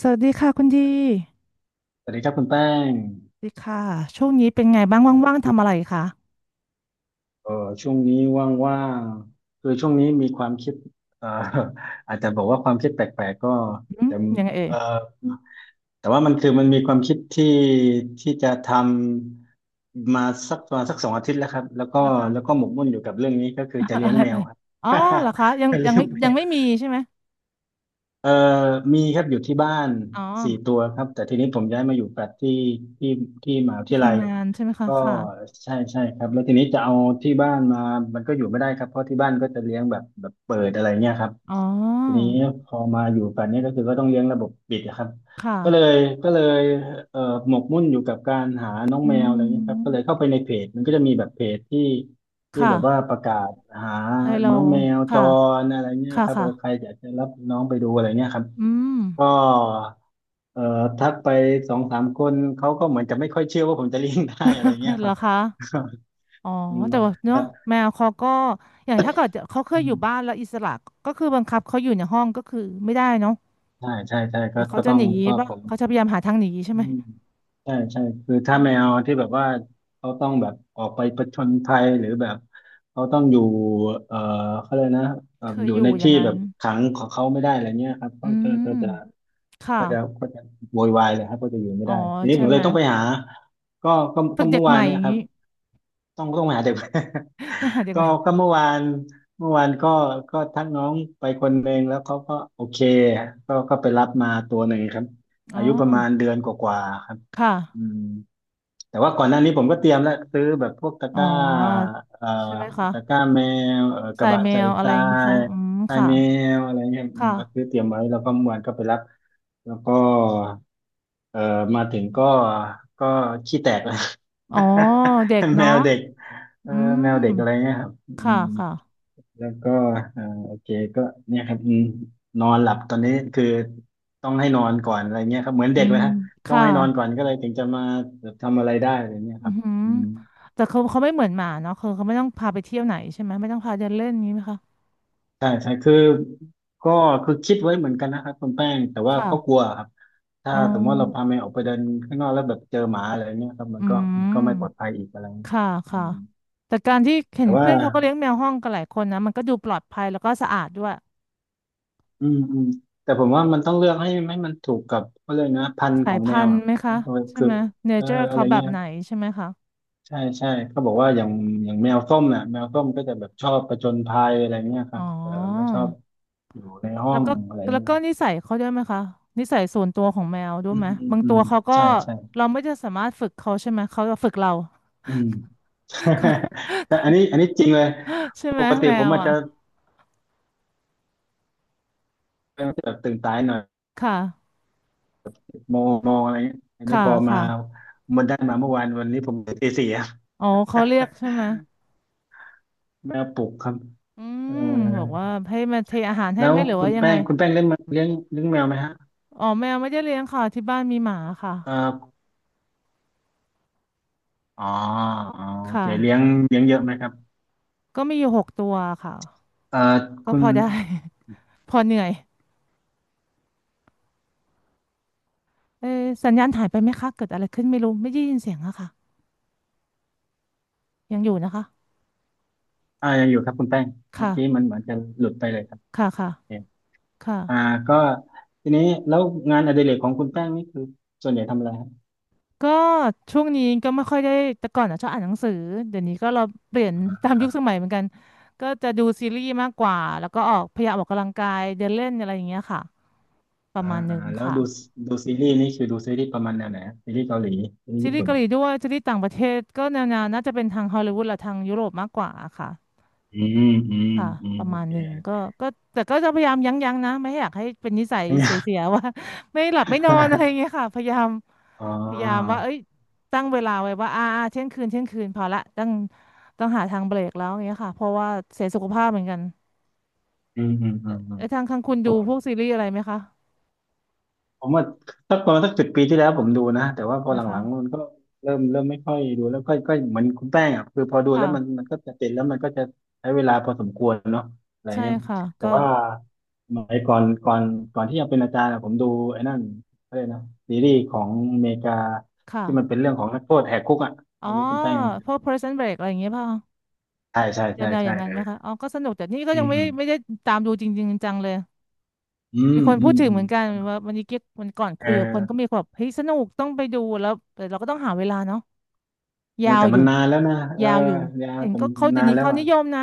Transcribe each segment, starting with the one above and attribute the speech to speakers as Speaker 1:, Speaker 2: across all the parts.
Speaker 1: สวัสดีค่ะคุณดี
Speaker 2: สวัสดีครับคุณแป้ง
Speaker 1: สวัสดีค่ะช่วงนี้เป็นไงบ้างว่างๆทำอะไรคะ
Speaker 2: เออช่วงนี้ว่างๆคือช่วงนี้มีความคิดเอ่อ อาจจะบอกว่าความคิดแปลกๆก็
Speaker 1: อืม
Speaker 2: แต่
Speaker 1: ยังไงเอ่ย
Speaker 2: เออแต่ว่ามันคือมันมีความคิดที่จะทำมาสักประมาณสัก2 อาทิตย์แล้วครับแล้วก็
Speaker 1: นะคะ
Speaker 2: แล้วก็หมกมุ่นอยู่กับเรื่องนี้ก็คือจะ เลี้
Speaker 1: อะ
Speaker 2: ยง
Speaker 1: ไร
Speaker 2: แม
Speaker 1: เอ่
Speaker 2: ว
Speaker 1: ย
Speaker 2: ครับ
Speaker 1: อ๋อเหรอคะยัง
Speaker 2: จะ
Speaker 1: ยั
Speaker 2: เลี้
Speaker 1: ง
Speaker 2: ยง
Speaker 1: ไม่
Speaker 2: แม
Speaker 1: ยัง
Speaker 2: ว
Speaker 1: ไม่มีใช่ไหม
Speaker 2: เอ่อมีครับอยู่ที่บ้าน
Speaker 1: อ๋อ
Speaker 2: 4 ตัวครับ แต่ทีนี้ผมย้ายมาอยู่แฟลตที่ที่มหาวิท
Speaker 1: ที่
Speaker 2: ยาลัย
Speaker 1: ทำงานใช่ไหมคะ
Speaker 2: ก็
Speaker 1: ค่ะ
Speaker 2: ใช่ใช่ครับแล้วทีนี้จะเอาที่บ้านมา มันก็อยู่ไม่ได้ครับ เพราะที่บ้านก็จะเลี้ยงแบบเปิดอะไรเงี้ยครับ
Speaker 1: อ๋
Speaker 2: ที
Speaker 1: อ
Speaker 2: นี้พอมาอยู่กันเนี่ยก็คือก็ต้องเลี้ยงระบบปิดนะครับ
Speaker 1: ค
Speaker 2: ก็เลย
Speaker 1: ่ะ
Speaker 2: ก็เลยเอ่อหมกมุ่นอยู่กับการหาน้อง
Speaker 1: อื
Speaker 2: แมวอะไรเงี้ยครับก็เลย
Speaker 1: ม
Speaker 2: เข้าไปในเพจมันก็จะมีแบบเพจที่
Speaker 1: ค่ะ
Speaker 2: แบบว่าประกาศหา
Speaker 1: ให้เรา
Speaker 2: น้องแมวจ
Speaker 1: ค่ะ
Speaker 2: รอะไรเงี้ย
Speaker 1: ค่ะ
Speaker 2: ครับใคร
Speaker 1: ค่ะ
Speaker 2: อยากจะรับน้องไปดูอะไรเงี้ยครับ
Speaker 1: อืม
Speaker 2: ก็เอ่อทักไป2-3 คนเขาก็เหมือนจะไม่ค่อยเชื่อว่าผมจะเลี้ยงได้อะไรเงี้ ย
Speaker 1: เห
Speaker 2: ค
Speaker 1: รอ
Speaker 2: รับ
Speaker 1: คะอ๋อ
Speaker 2: อืม
Speaker 1: แต่ว่า
Speaker 2: ค
Speaker 1: เนาะ
Speaker 2: รับ
Speaker 1: แมวเขาก็อย่างถ้าเกิดเขาเคย
Speaker 2: อื
Speaker 1: อยู่
Speaker 2: ม
Speaker 1: บ้านแล้วอิสระก็คือบังคับเขาอยู่ในห้องก็คือไม่ได้เนาะ
Speaker 2: ใช่ใช่ใช่ก็
Speaker 1: เดี๋ยวเขา
Speaker 2: ก็
Speaker 1: จะ
Speaker 2: ต้อ
Speaker 1: ห
Speaker 2: ง
Speaker 1: นี
Speaker 2: ก็
Speaker 1: ป่ะ
Speaker 2: ผม
Speaker 1: เขาจะพยายามหาทางหนีใช่
Speaker 2: อื
Speaker 1: ไหม
Speaker 2: มใช่ใช่คือ
Speaker 1: อื
Speaker 2: ถ้าแม
Speaker 1: ม
Speaker 2: วที่แบบว่าเขาต้องแบบออกไปผจญภัยหรือแบบเขาต้องอยู่เอ่อเขาเลยกนะ
Speaker 1: เคย
Speaker 2: อยู่
Speaker 1: อยู่
Speaker 2: ใน
Speaker 1: อย่า
Speaker 2: ที่
Speaker 1: งนั้
Speaker 2: แบ
Speaker 1: น
Speaker 2: บขังของเขาไม่ได้อะไรเงี้ยครับ
Speaker 1: อื
Speaker 2: ก็จะก็จะ
Speaker 1: มค่ะ
Speaker 2: ก็จะก็จะโวยวายเลยครับก็จะอยู่ไม่
Speaker 1: อ๋อ
Speaker 2: ได้ทีนี้
Speaker 1: ใช่
Speaker 2: ผมเล
Speaker 1: ไหม
Speaker 2: ยต้องไปหาก็ก็
Speaker 1: ฝึ
Speaker 2: ก็
Speaker 1: กเด็
Speaker 2: เมื่
Speaker 1: ก
Speaker 2: อ
Speaker 1: ให
Speaker 2: วาน
Speaker 1: ม่
Speaker 2: เนี่
Speaker 1: อ
Speaker 2: ย
Speaker 1: ย่าง
Speaker 2: ครั
Speaker 1: นี้
Speaker 2: บต้องมาหาเด็ก
Speaker 1: ต้องหา เด็ก
Speaker 2: ก็
Speaker 1: ใหม่
Speaker 2: ก็เมื่อวานก็ทักน้องไปคนหนึ่งแล้วเขาก็โอเคก็ไปรับมาตัวหนึ่งครับ
Speaker 1: อ๋อ
Speaker 2: อายุประมาณเดือนกว่าๆครับ
Speaker 1: ค่ะ
Speaker 2: อืมแต่ว่าก่อนหน้านี้ผมก็เตรียมแล้วซื้อแบบพวก
Speaker 1: อ๋อ
Speaker 2: เอ่อ
Speaker 1: ใช่ไหมคะ
Speaker 2: ตะกร้าแมวก
Speaker 1: ใส่
Speaker 2: ระบะ
Speaker 1: แม
Speaker 2: ใส่
Speaker 1: วอะไรอย่างนี้คะ
Speaker 2: ย
Speaker 1: อืม
Speaker 2: ทราย
Speaker 1: ค่ะ
Speaker 2: แมวอะไรเงี้ยอืม
Speaker 1: ค่ะ
Speaker 2: ก็ซื้อเตรียมไว้แล้วก็เมื่อวานก็ไปรับแล้วก็เอ่อมาถึงก็ขี้แตกแล้ว
Speaker 1: อ๋อเด็ก
Speaker 2: แม
Speaker 1: เนาะ
Speaker 2: วเด็กเอ
Speaker 1: อื
Speaker 2: อแม
Speaker 1: ม
Speaker 2: วเด็กอะไรเงี้ยครับอื
Speaker 1: ค่ะ
Speaker 2: ม
Speaker 1: ค่ะ
Speaker 2: แล้วก็อ่าโอเคก็เนี่ยครับอืมนอนหลับตอนนี้คือต้องให้นอนก่อนอะไรเงี้ยครับเหมือน
Speaker 1: อื
Speaker 2: เด็กเลย
Speaker 1: ม
Speaker 2: ฮะต้อง
Speaker 1: ค่ะ
Speaker 2: ให้นอนก่อนก็เลยถึงจะมาแบบทำอะไรได้อะไรเงี้ย
Speaker 1: อื
Speaker 2: ครั
Speaker 1: อ
Speaker 2: บ
Speaker 1: หือ
Speaker 2: อืม
Speaker 1: แต่เขาไม่เหมือนหมาเนาะคือเขาไม่ต้องพาไปเที่ยวไหนใช่ไหมไม่ต้องพาเดินเล่นนี้ไหมคะ
Speaker 2: ใช่ใช่คือก็คือคิดไว้เหมือนกันนะครับคุณแป้งแต่ว่าก็ก
Speaker 1: ค่ะ
Speaker 2: ลัวครับถ้า
Speaker 1: อ๋
Speaker 2: สมมติว่าเราพา
Speaker 1: อ
Speaker 2: แมวออกไปเดินข้างนอกแล้วแบบเจอหมาอะไรเงี้ยครับมั
Speaker 1: อื
Speaker 2: นก็
Speaker 1: ม
Speaker 2: มันก็ไม่ปลอดภัยอีกอะไรเงี้ยค
Speaker 1: ค่ะ
Speaker 2: รับอื
Speaker 1: ค่ะ
Speaker 2: ม
Speaker 1: แต่การที่เห็
Speaker 2: แต่
Speaker 1: น
Speaker 2: ว่า
Speaker 1: เพื่อนเขาก็เลี้ยงแมวห้องกันหลายคนนะ มันก็ดูปลอดภัยแล้วก็สะอาดด้วย
Speaker 2: อืมอืมแต่ผมว่ามันต้องเลือกให้มันถูกกับเขาเรียกนะพันธุ์ข
Speaker 1: สา
Speaker 2: อ
Speaker 1: ย
Speaker 2: งแม
Speaker 1: พั
Speaker 2: ว
Speaker 1: นธุ์
Speaker 2: อ่ะ
Speaker 1: ไหมคะ ใช่
Speaker 2: คือ
Speaker 1: ไหมเนเจอร์
Speaker 2: อะไร
Speaker 1: เขาแบ
Speaker 2: เงี้
Speaker 1: บ
Speaker 2: ย
Speaker 1: ไหนใช่ไหมคะ
Speaker 2: ใช่ใช่เขาบอกว่าอย่างแมวส้มน่ะแมวส้มก็จะแบบชอบผจญภัยอะไรเงี้ยค
Speaker 1: อ๋
Speaker 2: รั
Speaker 1: อ
Speaker 2: บไม่ชอบอยู่ในห้อ
Speaker 1: แล้ว
Speaker 2: ง
Speaker 1: ก็
Speaker 2: อะไร
Speaker 1: แล้ว
Speaker 2: เงี้ย
Speaker 1: ก็นิสัยเขาด้วยไหมคะ นิสัยส่วนตัวของแมวด้ว
Speaker 2: อื
Speaker 1: ย
Speaker 2: ม
Speaker 1: ไหม
Speaker 2: อืม
Speaker 1: บาง
Speaker 2: อื
Speaker 1: ตั
Speaker 2: ม
Speaker 1: วเขาก็
Speaker 2: ใช่ใช่
Speaker 1: เราไม่จะสามารถฝึกเขาใช่ไหมเขาจะฝึกเรา
Speaker 2: อืม แต่อันนี้จริงเลย
Speaker 1: ใช่ไห
Speaker 2: ป
Speaker 1: ม
Speaker 2: กติ
Speaker 1: แม
Speaker 2: ผม
Speaker 1: ว
Speaker 2: อาจ
Speaker 1: อ่ะ
Speaker 2: จะเป็นแบบตื่นสายหน่อย
Speaker 1: ค่ะ
Speaker 2: โมงโมงอะไรเงี้ยอันนี้
Speaker 1: ค่ะ
Speaker 2: พอมา
Speaker 1: ค่ะ
Speaker 2: มันได้มาเมื่อวานวันนี้ผมตื่นตี 4อะ
Speaker 1: อ๋อเขาเรียกใช่ไห ม
Speaker 2: แมวปลุกครับ
Speaker 1: อื
Speaker 2: เอ
Speaker 1: มบอก
Speaker 2: อ
Speaker 1: ว่าให้มาเทอาหารให้
Speaker 2: แล้
Speaker 1: ไห
Speaker 2: ว
Speaker 1: มหรือ
Speaker 2: คุ
Speaker 1: ว่า
Speaker 2: ณ
Speaker 1: ยัง
Speaker 2: แป้
Speaker 1: ไง
Speaker 2: งคุณแป้งเลี้ยงเลี้ยงแมวไหมฮะ
Speaker 1: อ๋อแมวไม่ได้เลี้ยงค่ะที่บ้านมีหมาค่ะ
Speaker 2: เอออ๋ออ๋อ
Speaker 1: ค
Speaker 2: โอเคเลี้ยง
Speaker 1: ่ะ
Speaker 2: เลี้ยงเยอะไหมครับ
Speaker 1: ก็มีอยู่หกตัวค่ะ
Speaker 2: เอ่อ
Speaker 1: ก็
Speaker 2: คุ
Speaker 1: พ
Speaker 2: ณ
Speaker 1: อได้ พอเหนื่อยเออสัญญาณหายไปไหมคะเกิดอะไรขึ้นไม่รู้ไม่ได้ยินเสียงอะค่ะยังอยู่นะคะ
Speaker 2: อ่ายังอยู่ครับคุณแป้งเมื่อกี้
Speaker 1: ค่ะ
Speaker 2: มันเหมือนจะหลุดไปเลยครับ
Speaker 1: ค่ะค่ะ
Speaker 2: โอเค
Speaker 1: ค่ะ
Speaker 2: อ่าก็ทีนี้แล้วงานอดิเรกของคุณแป้งนี่คือส่วนใหญ่ทำอะไรครับ
Speaker 1: ก็ช่วงนี้ก็ไม่ค่อยได้แต่ก่อนอะชอบอ่านหนังสือเดี๋ยวนี้ก็เราเปลี่ยนตามยุคสมัยเหมือนกันก็จะดูซีรีส์มากกว่าแล้วก็ออกพยายามออกกำลังกายเดินเล่นอะไรอย่างเงี้ยค่ะประ
Speaker 2: อ่า
Speaker 1: มาณห
Speaker 2: อ่า
Speaker 1: นึ่ง
Speaker 2: แล้ว
Speaker 1: ค่ะ
Speaker 2: ดูซีรีส์นี่คือดูซีรีส์ประมาณแนวไหนฮะซีรีส์เกาหลีซีรีส์
Speaker 1: ซี
Speaker 2: ญี่
Speaker 1: รีส์
Speaker 2: ปุ่น
Speaker 1: เกาหลีด้วยซีรีส์ต่างประเทศก็แนวๆน่าจะเป็นทางฮอลลีวูดหรือทางยุโรปมากกว่าค่ะ
Speaker 2: อืมอืม
Speaker 1: ค่ะ
Speaker 2: อื
Speaker 1: ป
Speaker 2: ม
Speaker 1: ระ
Speaker 2: โอ
Speaker 1: มาณ
Speaker 2: เค
Speaker 1: หนึ่งก็แต่ก็จะพยายามยั้งยั้งนะไม่อยากให้เป็นนิสัยเสียๆ ว่า ไม่หลับไม่นอนอะไรอย่างเงี้ ยค่ะพยายาม
Speaker 2: อ๋
Speaker 1: พยายาม
Speaker 2: อ
Speaker 1: ว่าเอ้ยตั้งเวลาไว้ว่าเที่ยงคืนเที่ยงคืนพอละต้องหาทางเบรกแล้วอย่างเงี้ยค่ะเพราะว่าเสียสุขภาพเหมือนกัน
Speaker 2: อืมอืมอืมอื
Speaker 1: เอ้
Speaker 2: ม
Speaker 1: ยทางข้างคุณดูพวกซีรีส์อะไรไหมคะ
Speaker 2: ผมว่าสักประมาณสัก10 ปีที่แล้วผมดูนะแต่ว่าพอห
Speaker 1: นะคะ
Speaker 2: ลังๆมันก็เริ่มไม่ค่อยดูแล้วค่อยก็เหมือนคุณแป้งอ่ะคือพอดูแล้วมัน
Speaker 1: ค่ะ
Speaker 2: มันก็จะติดแล้วมันก็จะใช้เวลาพอสมควรเนาะอะไร
Speaker 1: ใช่
Speaker 2: เงี้ย
Speaker 1: ค่ะ
Speaker 2: แต่
Speaker 1: ก็
Speaker 2: ว่าสมัยก่อนที่จะเป็นอาจารย์อะผมดูไอ้นั่นอะไรยกนะซีรีส์ของอเมริกาที่มันเป็
Speaker 1: ค่ะ
Speaker 2: นเรื่องของนักโทษแหกคุกอ่ะ
Speaker 1: อ๋อ
Speaker 2: ไม่รู้คุณแป้ง
Speaker 1: พวก Prison Break อะไรอย่างเงี้ยเปล่ะ
Speaker 2: ใช่ใช่ใช่
Speaker 1: แนวๆอ
Speaker 2: ใช่
Speaker 1: ย่างนั้นไหมคะอ๋อก็สนุกแต่นี่ก็
Speaker 2: อื
Speaker 1: ยังไม่ได้ไม่
Speaker 2: ม
Speaker 1: ได้ตามดูจริงๆจังเลย
Speaker 2: อืม
Speaker 1: มีคน
Speaker 2: อื
Speaker 1: พูด
Speaker 2: ม
Speaker 1: ถึง
Speaker 2: อื
Speaker 1: เห
Speaker 2: ม
Speaker 1: มือนกัน
Speaker 2: อืม
Speaker 1: ว่าวันนี้เก๊กวันก่อน
Speaker 2: เ
Speaker 1: คุยกับคนก็
Speaker 2: ออ
Speaker 1: มีคนแบบเฮ้ยสนุกต้องไปดูแล้วแต่เราก็ต้องหาเวลาเนาะ
Speaker 2: เอ
Speaker 1: ยา
Speaker 2: อ
Speaker 1: ว
Speaker 2: แต่
Speaker 1: อ
Speaker 2: มั
Speaker 1: ยู่
Speaker 2: นนานแล้วนะ
Speaker 1: ยาวอยู่
Speaker 2: ยา
Speaker 1: เห็น
Speaker 2: แต่
Speaker 1: ก็
Speaker 2: มัน
Speaker 1: เขาเดี๋ย
Speaker 2: นา
Speaker 1: ว
Speaker 2: น
Speaker 1: นี้
Speaker 2: แล้ว
Speaker 1: เขา
Speaker 2: อ่ะ
Speaker 1: นิยมนะ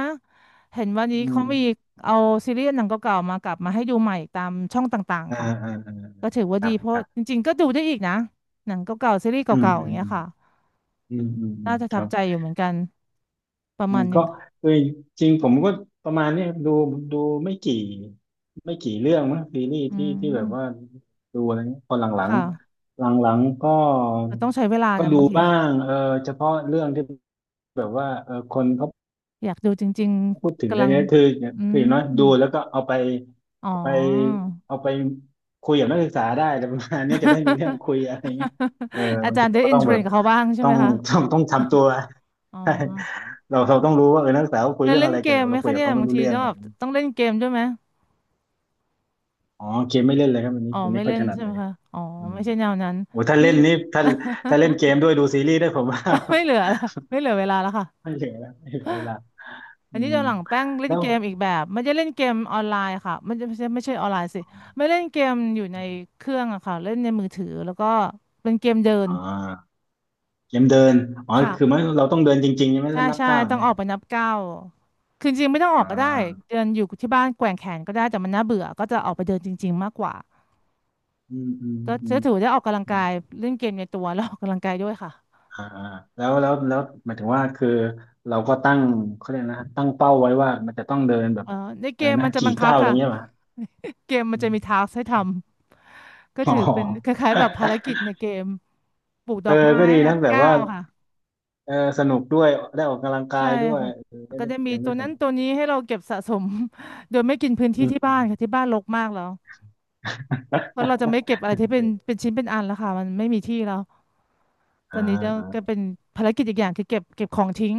Speaker 1: เห็นวันนี้
Speaker 2: อืม
Speaker 1: เขามีเอาซีรีส์หนังเก่าๆมากลับมาให้ดูใหม่ตามช่องต่าง
Speaker 2: อ่า
Speaker 1: ๆค่ะ
Speaker 2: อ่าอ่า
Speaker 1: ก็ถือว่า
Speaker 2: ครั
Speaker 1: ดี
Speaker 2: บ
Speaker 1: เพ
Speaker 2: ค
Speaker 1: ราะ
Speaker 2: รั
Speaker 1: จ
Speaker 2: บ
Speaker 1: ริงๆก็ดูได้อีกนะหนังเก่าๆซีรีส์
Speaker 2: อืม
Speaker 1: เก่าๆ
Speaker 2: อื
Speaker 1: อย่าง
Speaker 2: ม
Speaker 1: เงี้ยค่ะ
Speaker 2: อืมอืมอื
Speaker 1: น่า
Speaker 2: ม
Speaker 1: จะ
Speaker 2: ค
Speaker 1: ทับ
Speaker 2: รับ
Speaker 1: ใจอยู่เหมือนกันประ
Speaker 2: อื
Speaker 1: มา
Speaker 2: ม
Speaker 1: ณห
Speaker 2: ก็
Speaker 1: นึ่ง
Speaker 2: เอ้ยจริงผมก็ประมาณเนี้ยดูไม่กี่ไม่กี่เรื่องมั้งซีรีส์
Speaker 1: อื
Speaker 2: ที่แบบว่า
Speaker 1: ม
Speaker 2: ดูอะไรเงี้ยพอหลัง
Speaker 1: ค่ะ
Speaker 2: ๆหลังๆก็
Speaker 1: แต่ต้องใช้เวลา
Speaker 2: ก็
Speaker 1: นะบา
Speaker 2: ดู
Speaker 1: งที
Speaker 2: บ้างเฉพาะเรื่องที่แบบว่าคนเขา
Speaker 1: อยากดูจริง
Speaker 2: พูดถึ
Speaker 1: ๆ
Speaker 2: ง
Speaker 1: กำ
Speaker 2: ก็
Speaker 1: ลัง
Speaker 2: เยอะคือ
Speaker 1: อื
Speaker 2: คืออย่างน้อยดู
Speaker 1: ม
Speaker 2: แล้วก็เอาไป
Speaker 1: อ๋อ
Speaker 2: เอาไปเอาไปคุยกับนักศึกษาได้อะไรประมาณนี้จะได้มีเรื่อง คุยอะไรเงี้ยเออ
Speaker 1: อา
Speaker 2: บาง
Speaker 1: จา
Speaker 2: ที
Speaker 1: รย์ได้
Speaker 2: เราก็
Speaker 1: อิน
Speaker 2: ต้อง
Speaker 1: เทร
Speaker 2: แบ
Speaker 1: น
Speaker 2: บ
Speaker 1: กับเขาบ้างใช่
Speaker 2: ต้อ
Speaker 1: ไหม
Speaker 2: ง
Speaker 1: คะ
Speaker 2: ต้องทำตัว
Speaker 1: อ๋อ
Speaker 2: เราต้องรู้ว่าเออนักศึกษาเขาคุย
Speaker 1: ได้
Speaker 2: เรื่อง
Speaker 1: เล่
Speaker 2: อะ
Speaker 1: น
Speaker 2: ไร
Speaker 1: เก
Speaker 2: กัน
Speaker 1: ม
Speaker 2: แล้ว
Speaker 1: ไหม
Speaker 2: เราคุ
Speaker 1: คะ
Speaker 2: ยกับ
Speaker 1: เนี่ย
Speaker 2: เขาไม่
Speaker 1: บาง
Speaker 2: รู้
Speaker 1: ที
Speaker 2: เรื่อง
Speaker 1: จะ
Speaker 2: อะ
Speaker 1: แบ
Speaker 2: ไร
Speaker 1: บ
Speaker 2: อย่างนี้
Speaker 1: ต้องเล่นเกมด้วยไหม
Speaker 2: อ๋อเกมไม่เล่นเลยครับวันนี้
Speaker 1: อ๋อ
Speaker 2: ผมไม่
Speaker 1: ไม่
Speaker 2: ค่อ
Speaker 1: เล่
Speaker 2: ยถ
Speaker 1: น
Speaker 2: นัด
Speaker 1: ใช่ไห
Speaker 2: เล
Speaker 1: ม
Speaker 2: ย
Speaker 1: คะอ๋อ
Speaker 2: อืม
Speaker 1: ไม่ใช่แนวนั้น
Speaker 2: โอ้ถ้า
Speaker 1: นี่
Speaker 2: เล่นนี่ถ้าเล่นเกม ด้วยดูซีรีส์ด้วยผมว่า
Speaker 1: ไม่เหลือละไม่เหลือเวลาแล้วค่ะ
Speaker 2: ไม่เหลือแล้วไม่เหลือเวลา
Speaker 1: อั
Speaker 2: อื
Speaker 1: นนี้
Speaker 2: ม
Speaker 1: จะหลังแป้งเล่น
Speaker 2: แล้ว
Speaker 1: เกมอีกแบบม่นจะเล่นเกมออนไลน์ค่ะมันจะไม่ใช่ออนไลน์สิไม่เล่นเกมอยู่ในเครื่องอะค่ะเล่นในมือถือแล้วก็เป็นเกมเดิน
Speaker 2: อ่าเกมเดินอ๋อคือมัน
Speaker 1: ค่ะ
Speaker 2: เราต้องเดินจริงๆใช่ไหม
Speaker 1: ใช่
Speaker 2: แล้วนับ
Speaker 1: ใช่
Speaker 2: ก้าว
Speaker 1: ต้อง
Speaker 2: เนี่
Speaker 1: อ
Speaker 2: ย
Speaker 1: อกไปนับเก้าวคือจริงๆไม่ต้องอ
Speaker 2: อ่
Speaker 1: อกก็ได้
Speaker 2: า
Speaker 1: เดินอยู่ที่บ้านแกว่งแขนก็ได้แต่มันน่าเบื่อก็จะออกไปเดินจริงๆมากกว่า
Speaker 2: อืมอืม
Speaker 1: ก็
Speaker 2: อื
Speaker 1: จะ
Speaker 2: ม
Speaker 1: ถือได้ออกกำลัง
Speaker 2: อ่
Speaker 1: กายเล่นเกมในตัวแล้วออกกำลังกายด้วยค่ะ
Speaker 2: าอ่าแล้วหมายถึงว่าคือเราก็ตั้งเขาเรียกนะตั้งเป้าไว้ว่ามันจะต้องเดินแบบ
Speaker 1: เออในเก
Speaker 2: อะไร
Speaker 1: ม
Speaker 2: นะ
Speaker 1: มันจะ
Speaker 2: กี่
Speaker 1: บังคั
Speaker 2: ก้า
Speaker 1: บ
Speaker 2: วอะไร
Speaker 1: ค่ะ
Speaker 2: เงี้ยป่ะ
Speaker 1: เกมมัน
Speaker 2: อ
Speaker 1: จะมีทา
Speaker 2: ม
Speaker 1: สให้ทำก็
Speaker 2: อ๋
Speaker 1: ถือเป็นค
Speaker 2: อ
Speaker 1: ล้ายๆแบบภาร กิจในเกมปลูกด
Speaker 2: เอ
Speaker 1: อ
Speaker 2: อ
Speaker 1: กไม้
Speaker 2: ก็ดี
Speaker 1: นั
Speaker 2: นะ
Speaker 1: บ
Speaker 2: แบบ
Speaker 1: เก้า
Speaker 2: ว่า
Speaker 1: วค่ะ
Speaker 2: เออสนุกด้วยได้ออกกำลังกา
Speaker 1: ใช่
Speaker 2: ยด้วย
Speaker 1: ค่ะ
Speaker 2: เออ
Speaker 1: แล้ว
Speaker 2: ได้
Speaker 1: ก็
Speaker 2: เล่น
Speaker 1: จะ
Speaker 2: เก
Speaker 1: มี
Speaker 2: ม
Speaker 1: ตั
Speaker 2: ด้ว
Speaker 1: ว
Speaker 2: ยส
Speaker 1: นั้น
Speaker 2: นุก
Speaker 1: ตัวนี้ให้เราเก็บสะสม โดยไม่กินพื้นที่
Speaker 2: อืม
Speaker 1: ที่
Speaker 2: อื
Speaker 1: บ้าน
Speaker 2: ม
Speaker 1: ค่ะ ที่บ้านรกมากแล้วเพราะเราจะไม่เก็บอะไร
Speaker 2: โอ
Speaker 1: ที่เป็น
Speaker 2: เค
Speaker 1: เป็นชิ้นเป็นอันแล้วค่ะมันไม่มีที่แล้ว ต
Speaker 2: อ่า
Speaker 1: อนนี้จะ
Speaker 2: อ่า
Speaker 1: ก็เป็นภารกิจอีกอย่างคือเก็บของทิ้ง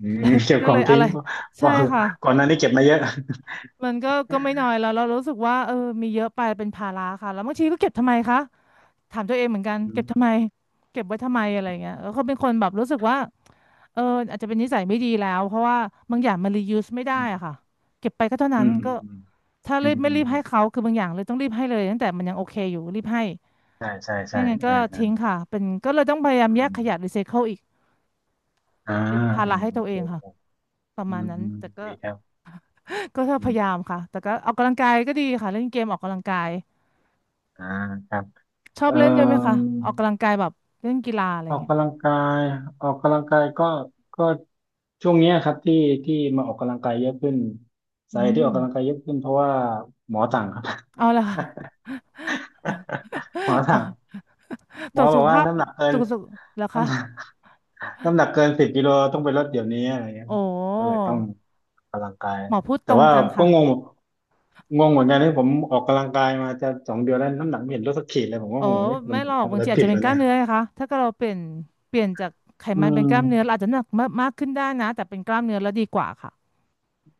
Speaker 2: อื
Speaker 1: อะไร
Speaker 2: มเก็บ
Speaker 1: ก็
Speaker 2: ขอ
Speaker 1: เล
Speaker 2: ง
Speaker 1: ยอะ
Speaker 2: ทิ้
Speaker 1: ไร
Speaker 2: ง เพ
Speaker 1: ใช่
Speaker 2: ราะ
Speaker 1: ค่ะ
Speaker 2: ก่อนหน้านี้เก็บมาเยอะ
Speaker 1: มันก็ไม่น้อยแล้วเรารู้สึกว่าเออมีเยอะไปเป็นภาระค่ะแล้วบางทีก็เก็บทำไมคะถามตัวเองเหมือนกัน
Speaker 2: อื
Speaker 1: เก็
Speaker 2: ม
Speaker 1: บทำไมเก็บไว้ทำไมอะไรเงี้ยแล้วก็เป็นคนแบบรู้สึกว่าเอออาจจะเป็นนิสัยไม่ดีแล้วเพราะว่าบางอย่างมัน reuse ไม่ได้
Speaker 2: อื
Speaker 1: อะค่ะ
Speaker 2: ม
Speaker 1: เก็บไปก็เท่านั้น
Speaker 2: อืม
Speaker 1: ก็ถ้า
Speaker 2: อื
Speaker 1: รีบ
Speaker 2: ม
Speaker 1: ไม่
Speaker 2: อืม
Speaker 1: รีบ
Speaker 2: อืมอื
Speaker 1: ให้
Speaker 2: ม
Speaker 1: เขาคือบางอย่างเลยต้องรีบให้เลยตั้งแต่มันยังโอเคอยู่รีบให้
Speaker 2: ใช่ใช่ใช่
Speaker 1: ไม่งั้น
Speaker 2: เอ
Speaker 1: ก็
Speaker 2: อเออ
Speaker 1: ทิ้งค่ะเป็นก็เลยต้องพยายาม
Speaker 2: อื
Speaker 1: แยกข
Speaker 2: ม
Speaker 1: ยะรีไซเคิลอีก
Speaker 2: อ่า
Speaker 1: เป็นภา
Speaker 2: อื
Speaker 1: ระ
Speaker 2: ม
Speaker 1: ให้
Speaker 2: โอ
Speaker 1: ตัวเอ
Speaker 2: เค
Speaker 1: งค่ะประ
Speaker 2: อื
Speaker 1: มาณ
Speaker 2: ม
Speaker 1: นั้น
Speaker 2: อืม
Speaker 1: แต่ก็
Speaker 2: ดีครับ
Speaker 1: ก็
Speaker 2: อื
Speaker 1: พ
Speaker 2: ม
Speaker 1: ยายามค่ะแต่ก็ออกกำลังกายก็ดีค่ะเล่นเกมออกกำลังกาย
Speaker 2: อ่าครับ
Speaker 1: ชอบ
Speaker 2: เอ่อ
Speaker 1: เล่นด้วยไหมคะออกกำลังกายแบบเล่นกีฬาอะไรอ
Speaker 2: อ
Speaker 1: ย่า
Speaker 2: อ
Speaker 1: ง
Speaker 2: ก
Speaker 1: เงี้ย
Speaker 2: กำลังกายออกกำลังกายก็ช่วงเนี้ยครับที่ที่มาออกกำลังกายเยอะขึ้น
Speaker 1: อื
Speaker 2: สาเหตุที่
Speaker 1: ม
Speaker 2: ออกกำลังกายเยอะขึ้นเพราะว่าหมอสั่งครับ
Speaker 1: เอาละค่ะ
Speaker 2: หมอ
Speaker 1: อ๋
Speaker 2: สั่ง
Speaker 1: อต
Speaker 2: หม
Speaker 1: ร
Speaker 2: อ
Speaker 1: วจ
Speaker 2: บ
Speaker 1: สุ
Speaker 2: อก
Speaker 1: ข
Speaker 2: ว่า
Speaker 1: ภาพ
Speaker 2: น้ำหนักเกิ
Speaker 1: ต
Speaker 2: น
Speaker 1: รวจสุขแล้วคะ
Speaker 2: น้ำหนัก น้ำหนักเกิน10 กิโลต้องไปลดเดี๋ยวนี้อะไรเงี้ย
Speaker 1: โอ้
Speaker 2: ก็เลยต้องออกกำลังกาย
Speaker 1: หมอพูดต
Speaker 2: แต่
Speaker 1: รง
Speaker 2: ว่า
Speaker 1: จัง
Speaker 2: ก็
Speaker 1: ค่ะ
Speaker 2: งงงงเหมือนกันที่ผมออกกำลังกายมาจะ2 เดือนแล้วน้ำหนักไม่เห็นลดสักขีดเลยผมก็
Speaker 1: อ๋อ
Speaker 2: งงเอ๊ะผ
Speaker 1: ไม่
Speaker 2: ม
Speaker 1: หรอก
Speaker 2: ทำ
Speaker 1: บา
Speaker 2: อะ
Speaker 1: ง
Speaker 2: ไร
Speaker 1: ทีอาจ
Speaker 2: ผิด
Speaker 1: จะเป็น
Speaker 2: วะ
Speaker 1: กล้า
Speaker 2: เนี่
Speaker 1: ม
Speaker 2: ย
Speaker 1: เนื้อนะคะถ้าเกิดเราเปลี่ยนเปลี่ยนจากไข
Speaker 2: อื
Speaker 1: มันเป็น
Speaker 2: ม
Speaker 1: กล้ามเนื้อเราอาจจะหนักมากมากขึ้นได้นะแต่เป็นกล้ามเนื้อแล้วดีกว่าค่ะ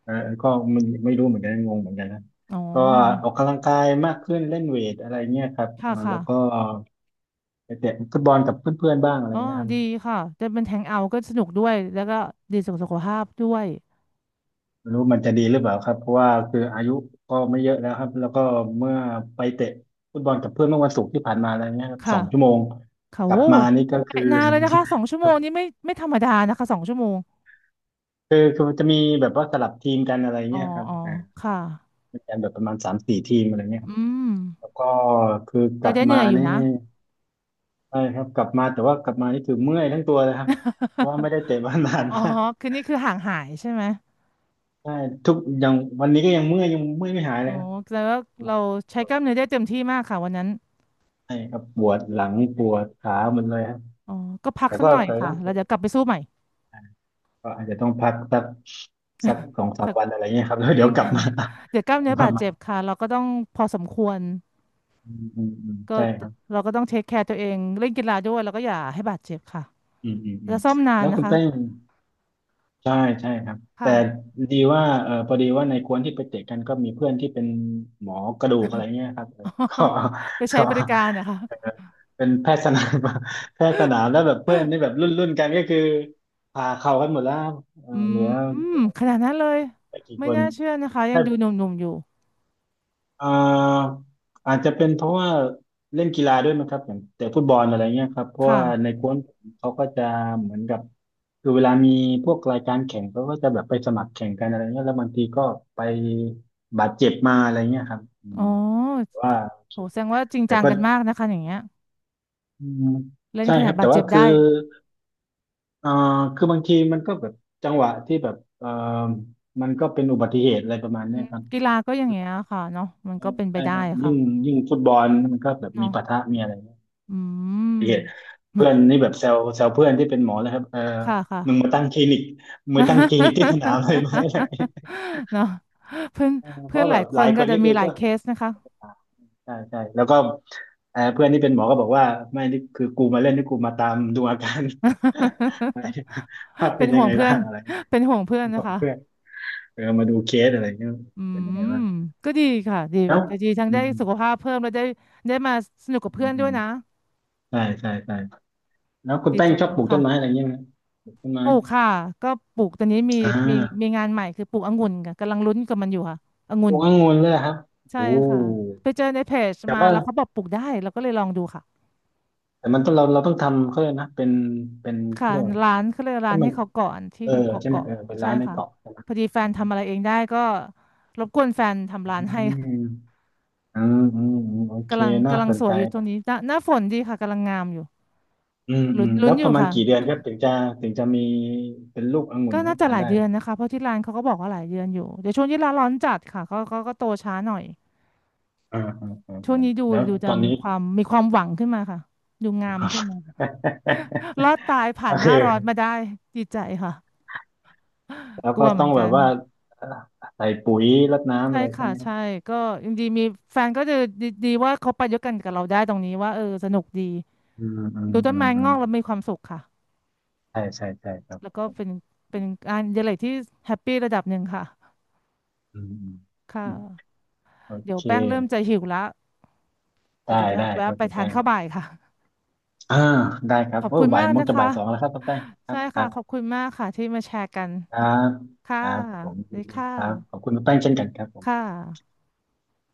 Speaker 2: เออก็ไม่รู้เหมือนกันงงเหมือนกันนะ
Speaker 1: อ๋อ
Speaker 2: ก็ออกกำลังกายมากขึ้นเล่นเวทอะไรเงี้ยครับเอ
Speaker 1: ค่ะ
Speaker 2: อ
Speaker 1: ค่ะ
Speaker 2: แล้วก็ไปเตะฟุตบอลกับเพื่อนๆบ้างอะไร
Speaker 1: อ๋อ
Speaker 2: เงี้ยครับ
Speaker 1: ดีค่ะจะเป็นแทงเอาท์ก็สนุกด้วย แล้วก็ดีสุขสุขภาพด้วย
Speaker 2: ไม่รู้มันจะดีหรือเปล่าครับเพราะว่าคืออายุก็ไม่เยอะแล้วครับแล้วก็เมื่อไปเตะฟุตบอลกับเพื่อนเมื่อวันศุกร์ที่ผ่านมาอะไรเงี้ยครับส
Speaker 1: ค่ะ
Speaker 2: องชั่วโมง
Speaker 1: เขา
Speaker 2: กลับ
Speaker 1: โอ้
Speaker 2: มานี่ก็
Speaker 1: ไป
Speaker 2: คือ
Speaker 1: นานเลยนะคะสองชั่วโมงนี้ไม่ไม่ธรรมดานะคะสองชั่วโมง
Speaker 2: คือจะมีแบบว่าสลับทีมกันอะไร
Speaker 1: อ๋อ
Speaker 2: เงี้ยครับ
Speaker 1: อ๋อ
Speaker 2: อ่า
Speaker 1: ค่ะ
Speaker 2: มีกันแบบประมาณ3-4 ทีมอะไรเงี้ยค
Speaker 1: อื
Speaker 2: รับ
Speaker 1: ม
Speaker 2: แล้วก็คือก
Speaker 1: ก็
Speaker 2: ลับ
Speaker 1: ได้เหนื่
Speaker 2: มา
Speaker 1: อยอยู่
Speaker 2: นี่
Speaker 1: นะ
Speaker 2: ใช่ครับกลับมาแต่ว่ากลับมานี่คือเมื่อยทั้งตัวเลยครับเพราะว่าไม่ ได้เตะมานาน
Speaker 1: อ๋อ
Speaker 2: มาก
Speaker 1: คือนี่คือห่างหายใช่ไหม
Speaker 2: ใช่ทุกอย่างวันนี้ก็ยังเมื่อยยังเมื่อยไม่หายเล
Speaker 1: โอ้
Speaker 2: ยครับ
Speaker 1: แล้วาเราใช้กล้ามเนื้อได้เต็มที่มากค่ะวันนั้น
Speaker 2: ใช่ครับปวดหลังปวดขาหมดเลยครับ
Speaker 1: อ๋อ ก็พัก
Speaker 2: แต่
Speaker 1: สัก
Speaker 2: ก็
Speaker 1: หน่อย
Speaker 2: แต่
Speaker 1: ค่ะ
Speaker 2: ก็
Speaker 1: แล้วเดี๋ยวกลับไปสู้ใหม่
Speaker 2: ก็อาจจะต้องพักสักสองสาม
Speaker 1: สัก
Speaker 2: วันอะไรเงี้ยครับแล้ว
Speaker 1: จ
Speaker 2: เดี๋
Speaker 1: ริ
Speaker 2: ย
Speaker 1: ง
Speaker 2: วก ลับ
Speaker 1: ค่ะ
Speaker 2: มา
Speaker 1: เดี๋ยวกล้า ม
Speaker 2: กลับ
Speaker 1: เนื้อ
Speaker 2: มา
Speaker 1: บาด
Speaker 2: ใหม่
Speaker 1: เจ็บค่ะเราก็ต้องพอสมควร
Speaker 2: อืมอืมอืม
Speaker 1: ก็
Speaker 2: ใช่ครับ
Speaker 1: เราก็ต้องเทคแคร์ตัวเองเล่นกีฬาด้วยแล้วก็อย่าให้บาดเจ็บค่ะ
Speaker 2: อืมอืมอื
Speaker 1: แล้
Speaker 2: ม
Speaker 1: วซ่อมนาน
Speaker 2: แล้ว
Speaker 1: นะ
Speaker 2: คุณ
Speaker 1: คะ
Speaker 2: แป้งใช่ใช่ครับแต่
Speaker 1: ค่ะ
Speaker 2: ดีว่าเออพอดีว่าในกวนที่ไปเตะกันก็มีเพื่อนที่เป็นหมอกระดูกอะไรเงี้ยครับเออก็
Speaker 1: ไปใช้
Speaker 2: ก็
Speaker 1: บริการนะคะ
Speaker 2: เออเป็นแพทย์สนาม แพทย์สนามแล้วแบบเพื่อนนี่แบบรุ่นกันก็คือผ่าเข่ากันหมดแล้วครัเออ
Speaker 1: อื
Speaker 2: เหลือ
Speaker 1: มขนาดนั้นเลย
Speaker 2: ไม่กี่
Speaker 1: ไม่
Speaker 2: คน
Speaker 1: น่าเชื่อนะคะยังดูหนุ่มๆอยู่
Speaker 2: อ่าอาจจะเป็นเพราะว่าเล่นกีฬาด้วยมั้งครับอย่างแต่ฟุตบอลอะไรเงี้ยครับเพราะ
Speaker 1: ค่ะ
Speaker 2: ว่าในกวนผมเขาก็จะเหมือนกับคือเวลามีพวกรายการแข่งเขาก็จะแบบไปสมัครแข่งกันอะไรเงี้ยแล้วบางทีก็ไปบาดเจ็บมาอะไรเงี้ยครับอื
Speaker 1: อ๋
Speaker 2: ม
Speaker 1: อ
Speaker 2: ตว่าโอเค
Speaker 1: โหแสดงว่าจริง
Speaker 2: แต่
Speaker 1: จัง
Speaker 2: ก็
Speaker 1: กันมากนะคะอย่างเงี้ย
Speaker 2: อืม
Speaker 1: เล่น
Speaker 2: ใช่
Speaker 1: ข
Speaker 2: ค
Speaker 1: นาด
Speaker 2: รับ
Speaker 1: บา
Speaker 2: แต่
Speaker 1: ดเจ็
Speaker 2: ว่า
Speaker 1: บ
Speaker 2: คือ
Speaker 1: ได้
Speaker 2: เอ่อคือบางทีมันก็แบบจังหวะที่แบบมันก็เป็นอุบัติเหตุอะไรประมาณ
Speaker 1: อื
Speaker 2: เนี้ย
Speaker 1: ม
Speaker 2: ครับ
Speaker 1: กีฬาก็อย่างเงี้ยค่ะเนาะมันก็เป็นไป
Speaker 2: ใช่
Speaker 1: ได้
Speaker 2: ครับยิ่
Speaker 1: ค่ะ
Speaker 2: งยิ่งฟุตบอลมันก็แบบมี
Speaker 1: เนาะ
Speaker 2: ปะทะมีอะไร
Speaker 1: อืม
Speaker 2: เหี้ยเพื่อนนี่แบบแซวแซวเพื่อนที่เป็นหมอนะครับเออ
Speaker 1: ค่ะค่ะ
Speaker 2: มึงมาตั้งคลินิกมึงมาตั้งคลินิกที่สนามเลยไหมอะไร อย่างเงี้ย
Speaker 1: เนาะเพื่อน
Speaker 2: เออเพ
Speaker 1: เพื่อน
Speaker 2: ราะ
Speaker 1: ห
Speaker 2: แบ
Speaker 1: ลาย
Speaker 2: บ
Speaker 1: ค
Speaker 2: หลา
Speaker 1: น
Speaker 2: ยค
Speaker 1: ก็
Speaker 2: น
Speaker 1: จะ
Speaker 2: นี่
Speaker 1: มี
Speaker 2: คือ
Speaker 1: หลาย
Speaker 2: ก็
Speaker 1: เคสนะคะ
Speaker 2: ใช่ใช่แล้วก็เออเพื่อนที่เป็นหมอก็บอกว่าไม่นี่คือกูมาเล่นนี่กูมาตามดูอาการ อะไรภาพ
Speaker 1: เป็
Speaker 2: เป็
Speaker 1: น
Speaker 2: นยั
Speaker 1: ห่
Speaker 2: ง
Speaker 1: วง
Speaker 2: ไง
Speaker 1: เพื่
Speaker 2: บ้า
Speaker 1: อน
Speaker 2: งอะไร
Speaker 1: เป็นห่วงเพื่อน
Speaker 2: ข
Speaker 1: นะ
Speaker 2: อง
Speaker 1: คะ
Speaker 2: เพื่อนเออมาดูเคสอะไรเงี้ย
Speaker 1: อื
Speaker 2: เป็นยังไง
Speaker 1: ม
Speaker 2: บ้าง
Speaker 1: ก็ดีค่ะดีแบ
Speaker 2: แล้ว
Speaker 1: บดีทั้ง
Speaker 2: อื
Speaker 1: ได้
Speaker 2: ม
Speaker 1: สุขภาพเพิ่มแล้วได้ได้มาสนุกกับ
Speaker 2: อื
Speaker 1: เพื่อ
Speaker 2: ม
Speaker 1: น
Speaker 2: อื
Speaker 1: ด้วย
Speaker 2: ม
Speaker 1: นะ
Speaker 2: ใช่ใช่ใช่แล้วคุณ
Speaker 1: ดี
Speaker 2: แป้
Speaker 1: ใจ
Speaker 2: งชอบป
Speaker 1: นะ
Speaker 2: ลูกต้นไม้อะ
Speaker 1: ค่ะ
Speaker 2: ไรเงี้ยไหมปลูกต้น
Speaker 1: ป
Speaker 2: ไม้
Speaker 1: ลูกค่ะก็ปลูกตอนนี้มี
Speaker 2: อ่
Speaker 1: มี
Speaker 2: า
Speaker 1: มีงานใหม่คือปลูกองุ่นค่ะกำลังลุ้นกับมันอยู่ค่ะอ
Speaker 2: ป
Speaker 1: งุ่
Speaker 2: ลู
Speaker 1: น
Speaker 2: กองุ่นเลยเหรอครับ
Speaker 1: ใช่
Speaker 2: โอ้
Speaker 1: ค่ะไปเจอในเพจ
Speaker 2: แต่
Speaker 1: มา
Speaker 2: ว่า
Speaker 1: แล้วเขาบอกปลูกได้เราก็เลยลองดูค่ะ
Speaker 2: แต่มันต้องเราต้องทำเขาเลยกนะเป็นเป็นเขา
Speaker 1: ค่ะ
Speaker 2: เรียกว่าอะไร
Speaker 1: ร้านเขาเรียกร้า
Speaker 2: ให้
Speaker 1: น
Speaker 2: มั
Speaker 1: ให้
Speaker 2: น
Speaker 1: เขาก่อนที่
Speaker 2: เออ
Speaker 1: เขาเกาะ
Speaker 2: ใช่ไหม
Speaker 1: เกาะ
Speaker 2: เออเป็น
Speaker 1: ใช่
Speaker 2: ร้านใน
Speaker 1: ค่ะ
Speaker 2: เกาะใช่ไหม
Speaker 1: พอดีแฟ
Speaker 2: อื
Speaker 1: น
Speaker 2: ม
Speaker 1: ทำอะไรเองได้ก็รบกวนแฟน
Speaker 2: อื
Speaker 1: ทำร้านให้
Speaker 2: มอืมอืมอืมโอเค
Speaker 1: กำลัง
Speaker 2: น่า
Speaker 1: กำลั
Speaker 2: ส
Speaker 1: ง
Speaker 2: น
Speaker 1: ส
Speaker 2: ใจ
Speaker 1: วยอยู่ตรงนี้หน้าหน้าฝนดีค่ะกำลังงามอยู่
Speaker 2: อืมอื
Speaker 1: ลุ้น
Speaker 2: ม
Speaker 1: ลุ้
Speaker 2: แล้
Speaker 1: น
Speaker 2: ว
Speaker 1: อ
Speaker 2: ป
Speaker 1: ยู่
Speaker 2: ระมาณ
Speaker 1: ค่ะ
Speaker 2: กี่เดือนครับถึงจะถึงจะมีเป็นลูกองุ่
Speaker 1: ก็
Speaker 2: นให้
Speaker 1: น่าจะ
Speaker 2: ทา
Speaker 1: ห
Speaker 2: น
Speaker 1: ลาย
Speaker 2: ได้
Speaker 1: เดือนนะคะเพราะที่ร้านเขาก็บอกว่าหลายเดือนอยู่เดี๋ยวช่วงที่ร้านร้อนจัดค่ะก็โตช้าหน่อย
Speaker 2: อ่าอ่าอ่า
Speaker 1: ช่วง
Speaker 2: อ่า
Speaker 1: นี้ดู
Speaker 2: แล้ว
Speaker 1: ดูจะ
Speaker 2: ตอน
Speaker 1: มี
Speaker 2: นี้
Speaker 1: ความมีความหวังขึ้นมาค่ะดูงามขึ้นมาค่ะ รอดตายผ่า
Speaker 2: ก็
Speaker 1: นห
Speaker 2: คื
Speaker 1: น้า
Speaker 2: อ
Speaker 1: ร้อนมาได้ดีใจค่ะ
Speaker 2: แล้ว
Speaker 1: กลั
Speaker 2: ก็
Speaker 1: วเหมื
Speaker 2: ต้อ
Speaker 1: อน
Speaker 2: งแบ
Speaker 1: กั
Speaker 2: บ
Speaker 1: น
Speaker 2: ว่าเอ่อใส่ปุ๋ยรดน้ำ
Speaker 1: ใช่
Speaker 2: อะไรใช่
Speaker 1: ค่ะ
Speaker 2: ไหม
Speaker 1: ใช่ก็ยังดีมีแฟนก็จะดีดีว่าเขาไปด้วยกันกับเราได้ตรงนี้ว่าเออสนุกดี
Speaker 2: อืมอืม
Speaker 1: ดูต้
Speaker 2: อื
Speaker 1: น
Speaker 2: ม
Speaker 1: ไม้
Speaker 2: อื
Speaker 1: ง
Speaker 2: ม
Speaker 1: อกแล้วมีความสุขค่ะ
Speaker 2: ใช่ใช่ใช่ครับ
Speaker 1: แล้วก็เป็นเป็นงานอดิเรกที่แฮปปี้ระดับหนึ่งค่ะ
Speaker 2: อืมอืม
Speaker 1: ค่
Speaker 2: อืม
Speaker 1: ะ
Speaker 2: โอ
Speaker 1: เดี๋ยว
Speaker 2: เค
Speaker 1: แป้งเริ่มจะหิวละแต่
Speaker 2: ได้
Speaker 1: เดี๋ยวจะ
Speaker 2: ได้
Speaker 1: แวะ
Speaker 2: ครับ
Speaker 1: ไป
Speaker 2: คุณ
Speaker 1: ทาน
Speaker 2: แป้ง
Speaker 1: ข้าวบ่ายค่ะ
Speaker 2: อ่าได้ครั
Speaker 1: ข
Speaker 2: บ
Speaker 1: อบ
Speaker 2: โอ้
Speaker 1: คุณม
Speaker 2: บ่าย
Speaker 1: มาก
Speaker 2: โมง
Speaker 1: นะ
Speaker 2: จะบ่า
Speaker 1: คะ
Speaker 2: ยสองแล้วครับคุณแป้งครั
Speaker 1: ใช่
Speaker 2: บครั
Speaker 1: ค่ะขอบ
Speaker 2: บ
Speaker 1: คุณมากค่ะที่มาแชร์กัน
Speaker 2: ครับ
Speaker 1: ค่ะ
Speaker 2: ครับผมยิ
Speaker 1: ดี
Speaker 2: นดี
Speaker 1: ค่ะ
Speaker 2: ครับขอบคุณคุณแป้งเช่นกันครับผ
Speaker 1: ค่
Speaker 2: ม
Speaker 1: ะ